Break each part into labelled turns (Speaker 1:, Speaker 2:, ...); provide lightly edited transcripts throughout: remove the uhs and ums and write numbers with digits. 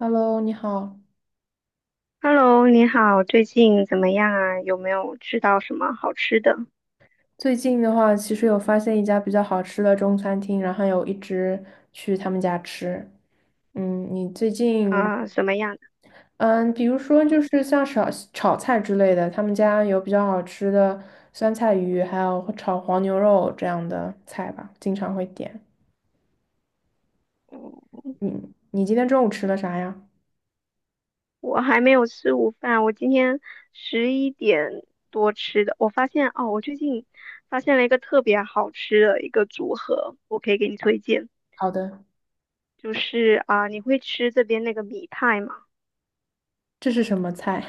Speaker 1: Hello，你好。
Speaker 2: Hello，你好，最近怎么样啊？有没有吃到什么好吃的？
Speaker 1: 最近的话，其实有发现一家比较好吃的中餐厅，然后还有一直去他们家吃。你最近，
Speaker 2: 啊、什么样的？
Speaker 1: 嗯，比如说就是像炒菜之类的，他们家有比较好吃的酸菜鱼，还有炒黄牛肉这样的菜吧，经常会点。
Speaker 2: 嗯我
Speaker 1: 你你今天中午吃了啥呀？
Speaker 2: 我还没有吃午饭，我今天11点多吃的。我最近发现了一个特别好吃的一个组合，我可以给你推荐。
Speaker 1: 好的。
Speaker 2: 就是啊、你会吃这边那个米派吗？
Speaker 1: 这是什么菜？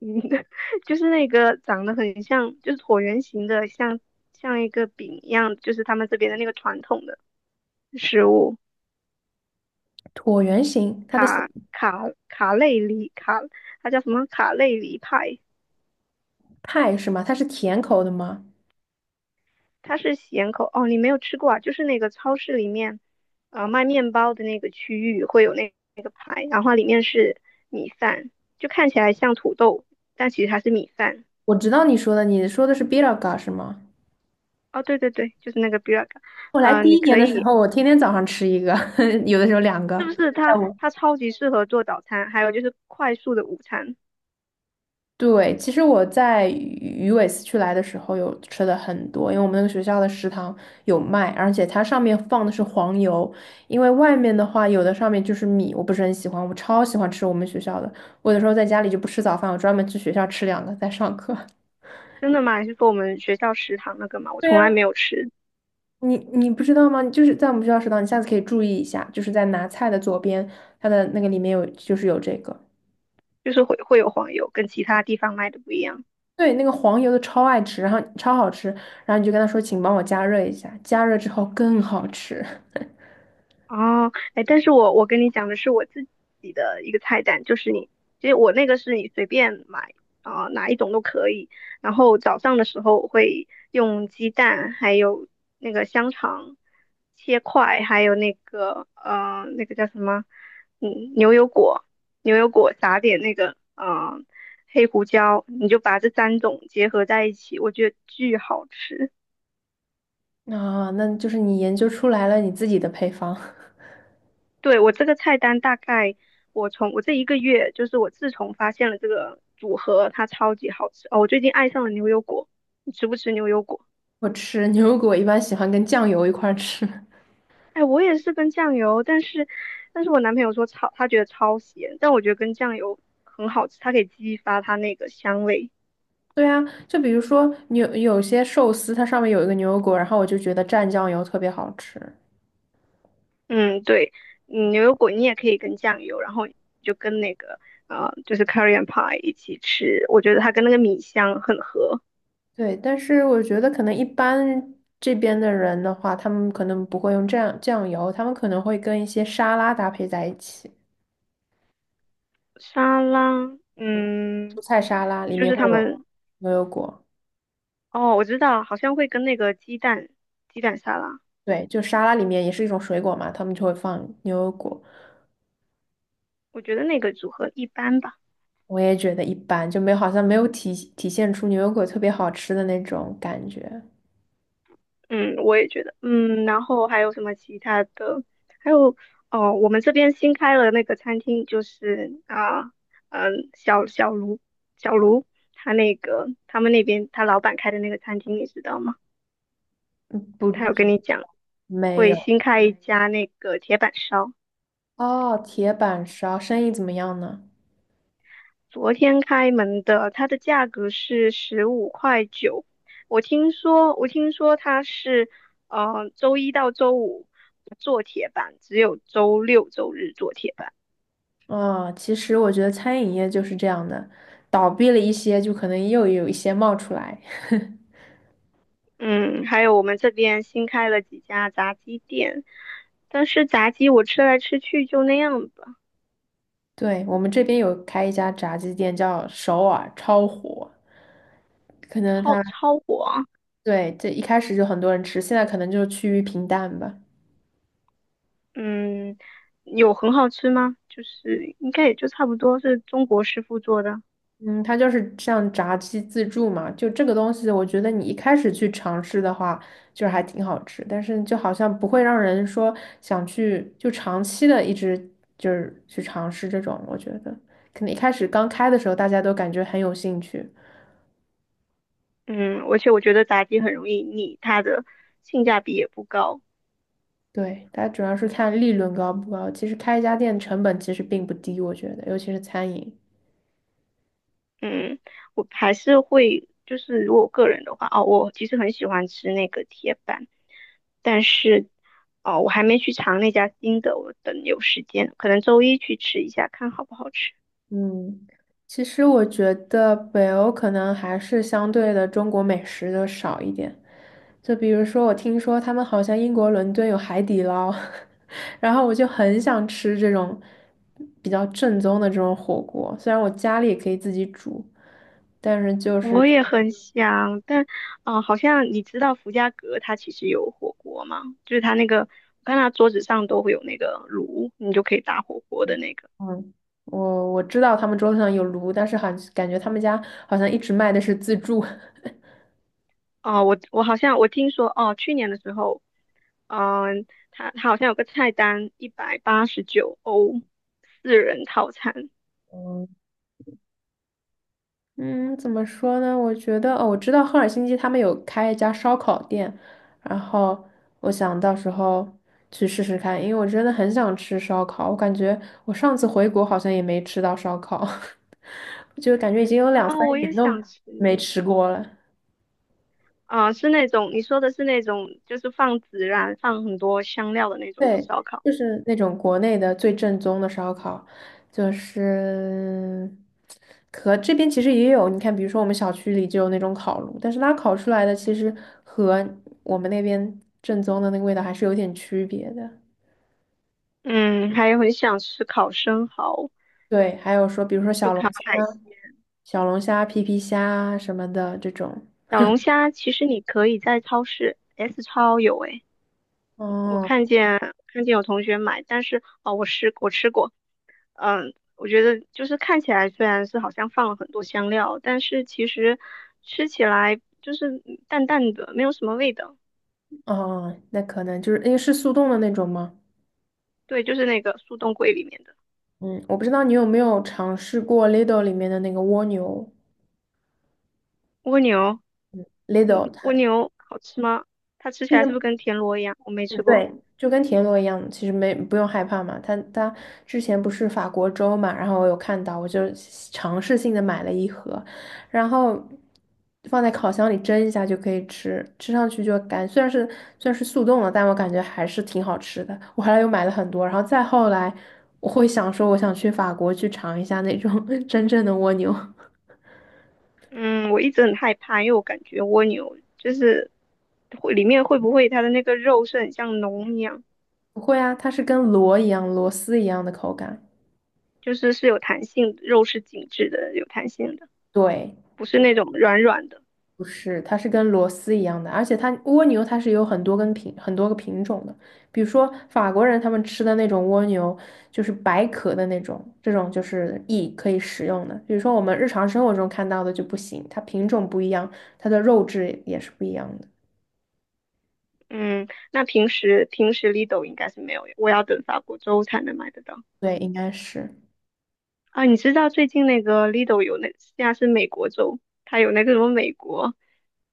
Speaker 2: 嗯，就是那个长得很像，就是椭圆形的，像一个饼一样，就是他们这边的那个传统的食物。
Speaker 1: 椭圆形，它的形
Speaker 2: 卡卡卡累里卡，它叫什么卡累里派，
Speaker 1: 派是吗？它是甜口的吗？
Speaker 2: 它是咸口。哦，你没有吃过啊？就是那个超市里面，卖面包的那个区域会有那个派，然后里面是米饭，就看起来像土豆，但其实它是米饭。
Speaker 1: 我知道你说的，你说的是 b i r a g a 是吗？
Speaker 2: 哦，对对对，就是那个 burek
Speaker 1: 我来
Speaker 2: 呃，
Speaker 1: 第
Speaker 2: 你
Speaker 1: 一年
Speaker 2: 可
Speaker 1: 的时
Speaker 2: 以，
Speaker 1: 候，我天天早上吃一个，有的时候两个。
Speaker 2: 是不是它
Speaker 1: 下我
Speaker 2: 它超级适合做早餐，还有就是快速的午餐。
Speaker 1: 对，其实我在鱼尾四区来的时候有吃的很多，因为我们那个学校的食堂有卖，而且它上面放的是黄油，因为外面的话有的上面就是米，我不是很喜欢，我超喜欢吃我们学校的，我有时候在家里就不吃早饭，我专门去学校吃两个在上课。
Speaker 2: 真的吗？你是说我们学校食堂那个嘛，我
Speaker 1: 对
Speaker 2: 从来
Speaker 1: 呀，
Speaker 2: 没有吃，
Speaker 1: 你不知道吗？就是在我们学校食堂，你下次可以注意一下，就是在拿菜的左边，它的那个里面有就是有这个。
Speaker 2: 就是会有黄油，跟其他地方卖的不一样。
Speaker 1: 对，那个黄油的超爱吃，然后超好吃，然后你就跟他说，请帮我加热一下，加热之后更好吃。
Speaker 2: 哦，哎，但是我跟你讲的是我自己的一个菜单，就是你，其实我那个是你随便买啊、哪一种都可以。然后早上的时候我会用鸡蛋，还有那个香肠切块，还有那个那个叫什么，牛油果，牛油果撒点那个黑胡椒，你就把这三种结合在一起，我觉得巨好吃。
Speaker 1: 啊，那就是你研究出来了你自己的配方。
Speaker 2: 对，我这个菜单大概，我从我这一个月，就是我自从发现了这个组合，它超级好吃哦。我最近爱上了牛油果，你吃不吃牛油果？
Speaker 1: 我吃牛油果一般喜欢跟酱油一块儿吃。
Speaker 2: 哎，我也是跟酱油，但是我男朋友他觉得超咸，但我觉得跟酱油很好吃，它可以激发它那个香味。
Speaker 1: 对啊，就比如说牛有些寿司，它上面有一个牛油果，然后我就觉得蘸酱油特别好吃。
Speaker 2: 嗯，对，牛油果你也可以跟酱油，然后就跟那个就是 corryan pie 一起吃，我觉得它跟那个米香很合。
Speaker 1: 对，但是我觉得可能一般这边的人的话，他们可能不会用酱油，他们可能会跟一些沙拉搭配在一起，
Speaker 2: 沙拉，
Speaker 1: 蔬
Speaker 2: 嗯，
Speaker 1: 菜沙拉里
Speaker 2: 就
Speaker 1: 面
Speaker 2: 是他
Speaker 1: 会有
Speaker 2: 们。
Speaker 1: 牛油果。
Speaker 2: 哦，我知道，好像会跟那个鸡蛋沙拉，
Speaker 1: 对，就沙拉里面也是一种水果嘛，他们就会放牛油果，
Speaker 2: 我觉得那个组合一般吧。
Speaker 1: 我也觉得一般，就没好像没有体现出牛油果特别好吃的那种感觉，
Speaker 2: 嗯，我也觉得。嗯，然后还有什么其他的？还有哦，我们这边新开了那个餐厅，就是啊，嗯，小小卢小卢他那个他们那边他老板开的那个餐厅，你知道吗？他
Speaker 1: 不，
Speaker 2: 有跟你讲
Speaker 1: 没
Speaker 2: 会
Speaker 1: 有。
Speaker 2: 新开一家那个铁板烧。
Speaker 1: 哦，铁板烧生意怎么样呢？
Speaker 2: 昨天开门的，它的价格是15块9。我听说它是，周一到周五不做铁板，只有周六周日做铁板。
Speaker 1: 啊，其实我觉得餐饮业就是这样的，倒闭了一些，就可能又有一些冒出来。
Speaker 2: 嗯，还有我们这边新开了几家炸鸡店，但是炸鸡我吃来吃去就那样吧，
Speaker 1: 对，我们这边有开一家炸鸡店，叫首尔，超火，可能它
Speaker 2: 超超火。
Speaker 1: 对这一开始就很多人吃，现在可能就趋于平淡吧。
Speaker 2: 嗯，有很好吃吗？就是应该也就差不多是中国师傅做的。
Speaker 1: 嗯，它就是像炸鸡自助嘛，就这个东西，我觉得你一开始去尝试的话，就是还挺好吃，但是就好像不会让人说想去就长期的一直就是去尝试这种，我觉得可能一开始刚开的时候大家都感觉很有兴趣，
Speaker 2: 嗯，而且我觉得炸鸡很容易腻，它的性价比也不高。
Speaker 1: 对，大家主要是看利润高不高，其实开一家店成本其实并不低，我觉得，尤其是餐饮。
Speaker 2: 嗯，我还是会，就是如果我个人的话，哦，我其实很喜欢吃那个铁板，但是，哦，我还没去尝那家新的，我等有时间，可能周一去吃一下，看好不好吃。
Speaker 1: 嗯，其实我觉得北欧可能还是相对的中国美食的少一点，就比如说我听说他们好像英国伦敦有海底捞，然后我就很想吃这种比较正宗的这种火锅，虽然我家里也可以自己煮，但是就是
Speaker 2: 我也很想，但，啊，好像你知道福家阁它其实有火锅吗？就是它那个，我看它桌子上都会有那个炉，你就可以打火锅的那个。
Speaker 1: 嗯，我知道他们桌子上有炉，但是好像感觉他们家好像一直卖的是自助。
Speaker 2: 哦，我好像我听说哦，去年的时候，嗯，他好像有个菜单，189欧，4人套餐
Speaker 1: 嗯，怎么说呢？我觉得，哦，我知道赫尔辛基他们有开一家烧烤店，然后我想到时候去试试看，因为我真的很想吃烧烤。我感觉我上次回国好像也没吃到烧烤，就感觉已经有
Speaker 2: 啊，
Speaker 1: 两三
Speaker 2: 我也
Speaker 1: 年都
Speaker 2: 想吃
Speaker 1: 没吃过了。
Speaker 2: 啊，是那种你说的是那种，就是放孜然、放很多香料的那种
Speaker 1: 对，
Speaker 2: 烧烤。
Speaker 1: 就是那种国内的最正宗的烧烤，就是和这边其实也有，你看，比如说我们小区里就有那种烤炉，但是它烤出来的其实和我们那边正宗的那个味道还是有点区别的。
Speaker 2: 嗯，还有很想吃烤生蚝、
Speaker 1: 对，还有说，比如说小
Speaker 2: 就
Speaker 1: 龙
Speaker 2: 烤海鲜、
Speaker 1: 小龙虾、皮皮虾啊什么的这种。
Speaker 2: 小龙虾。其实你可以在超市 S 超有诶，我
Speaker 1: 哦
Speaker 2: 看见有同学买，但是哦，我吃过。我觉得就是看起来虽然是好像放了很多香料，但是其实吃起来就是淡淡的，没有什么味道。
Speaker 1: 哦，那可能就是因为是速冻的那种吗？
Speaker 2: 对，就是那个速冻柜里面的
Speaker 1: 嗯，我不知道你有没有尝试过 Lidl 里面的那个蜗牛
Speaker 2: 蜗牛，
Speaker 1: ，Lidl
Speaker 2: 蜗
Speaker 1: 它。
Speaker 2: 牛好吃吗？它吃起
Speaker 1: 之
Speaker 2: 来是不是
Speaker 1: 前
Speaker 2: 跟田螺一样？我没吃
Speaker 1: 嗯
Speaker 2: 过。
Speaker 1: 对，就跟田螺一样，其实没不用害怕嘛。它之前不是法国粥嘛，然后我有看到，我就尝试性的买了一盒，然后放在烤箱里蒸一下就可以吃，吃上去虽然是速冻了，但我感觉还是挺好吃的。我后来又买了很多，然后再后来我会想说，我想去法国去尝一下那种 真正的蜗牛。
Speaker 2: 嗯，我一直很害怕，因为我感觉蜗牛就是会里面会不会它的那个肉是很像脓一样，
Speaker 1: 不会啊，它是跟螺一样，螺丝一样的口感。
Speaker 2: 就是是有弹性的，肉是紧致的，有弹性的，
Speaker 1: 对。
Speaker 2: 不是那种软软的。
Speaker 1: 不是，它是跟螺丝一样的，而且它蜗牛它是有很多个品种的，比如说法国人他们吃的那种蜗牛，就是白壳的那种，这种就是翼可以食用的。比如说我们日常生活中看到的就不行，它品种不一样，它的肉质也是不一样的。
Speaker 2: 嗯，那平时 Lido 应该是没有，我要等法国州才能买得到
Speaker 1: 对，应该是
Speaker 2: 啊。你知道最近那个 Lido 有那现在是美国州，它有那个什么美国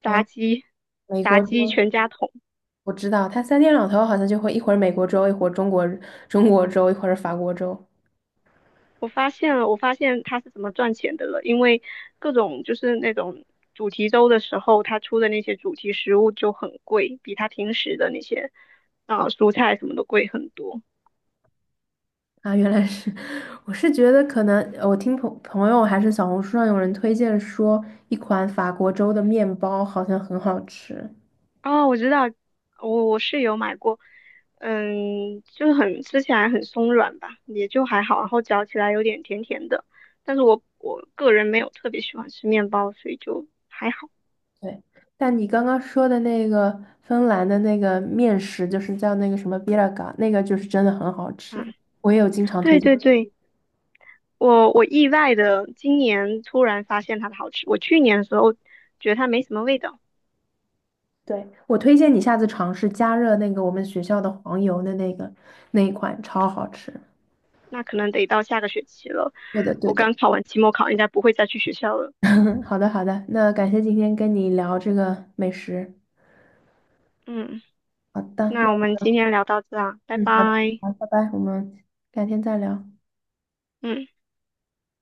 Speaker 2: 炸
Speaker 1: 啊，
Speaker 2: 鸡
Speaker 1: 美
Speaker 2: 炸
Speaker 1: 国
Speaker 2: 鸡
Speaker 1: 州
Speaker 2: 全家桶。
Speaker 1: 我知道，它三天两头好像就会一会儿美国州，一会儿中国州，一会儿法国州。
Speaker 2: 我发现了，我发现它是怎么赚钱的了，因为各种就是那种主题周的时候，它出的那些主题食物就很贵，比它平时的那些啊、蔬菜什么的贵很多。
Speaker 1: 啊，原来是，我是觉得可能我听朋友还是小红书上有人推荐说，一款法国粥的面包好像很好吃。
Speaker 2: 哦，我知道，我是有买过，就是很吃起来很松软吧，也就还好，然后嚼起来有点甜甜的，但是我个人没有特别喜欢吃面包，所以就还好。
Speaker 1: 对，但你刚刚说的那个芬兰的那个面食，就是叫那个什么 b i l a g a 那个就是真的很好吃，
Speaker 2: 嗯，
Speaker 1: 我也有经常推
Speaker 2: 对
Speaker 1: 荐。
Speaker 2: 对对，我意外的今年突然发现它的好吃，我去年的时候觉得它没什么味道，
Speaker 1: 对，我推荐你下次尝试加热那个我们学校的黄油的那个那一款，超好吃。
Speaker 2: 那可能得到下个学期了。
Speaker 1: 对的，对
Speaker 2: 我
Speaker 1: 的。
Speaker 2: 刚考完期末考，应该不会再去学校了。
Speaker 1: 好的，好的，那感谢今天跟你聊这个美食。
Speaker 2: 嗯，
Speaker 1: 好的。
Speaker 2: 那我
Speaker 1: 那。
Speaker 2: 们今天聊到这啊，拜
Speaker 1: 嗯，好的，
Speaker 2: 拜。
Speaker 1: 好，拜拜，我们改天再聊。
Speaker 2: 嗯。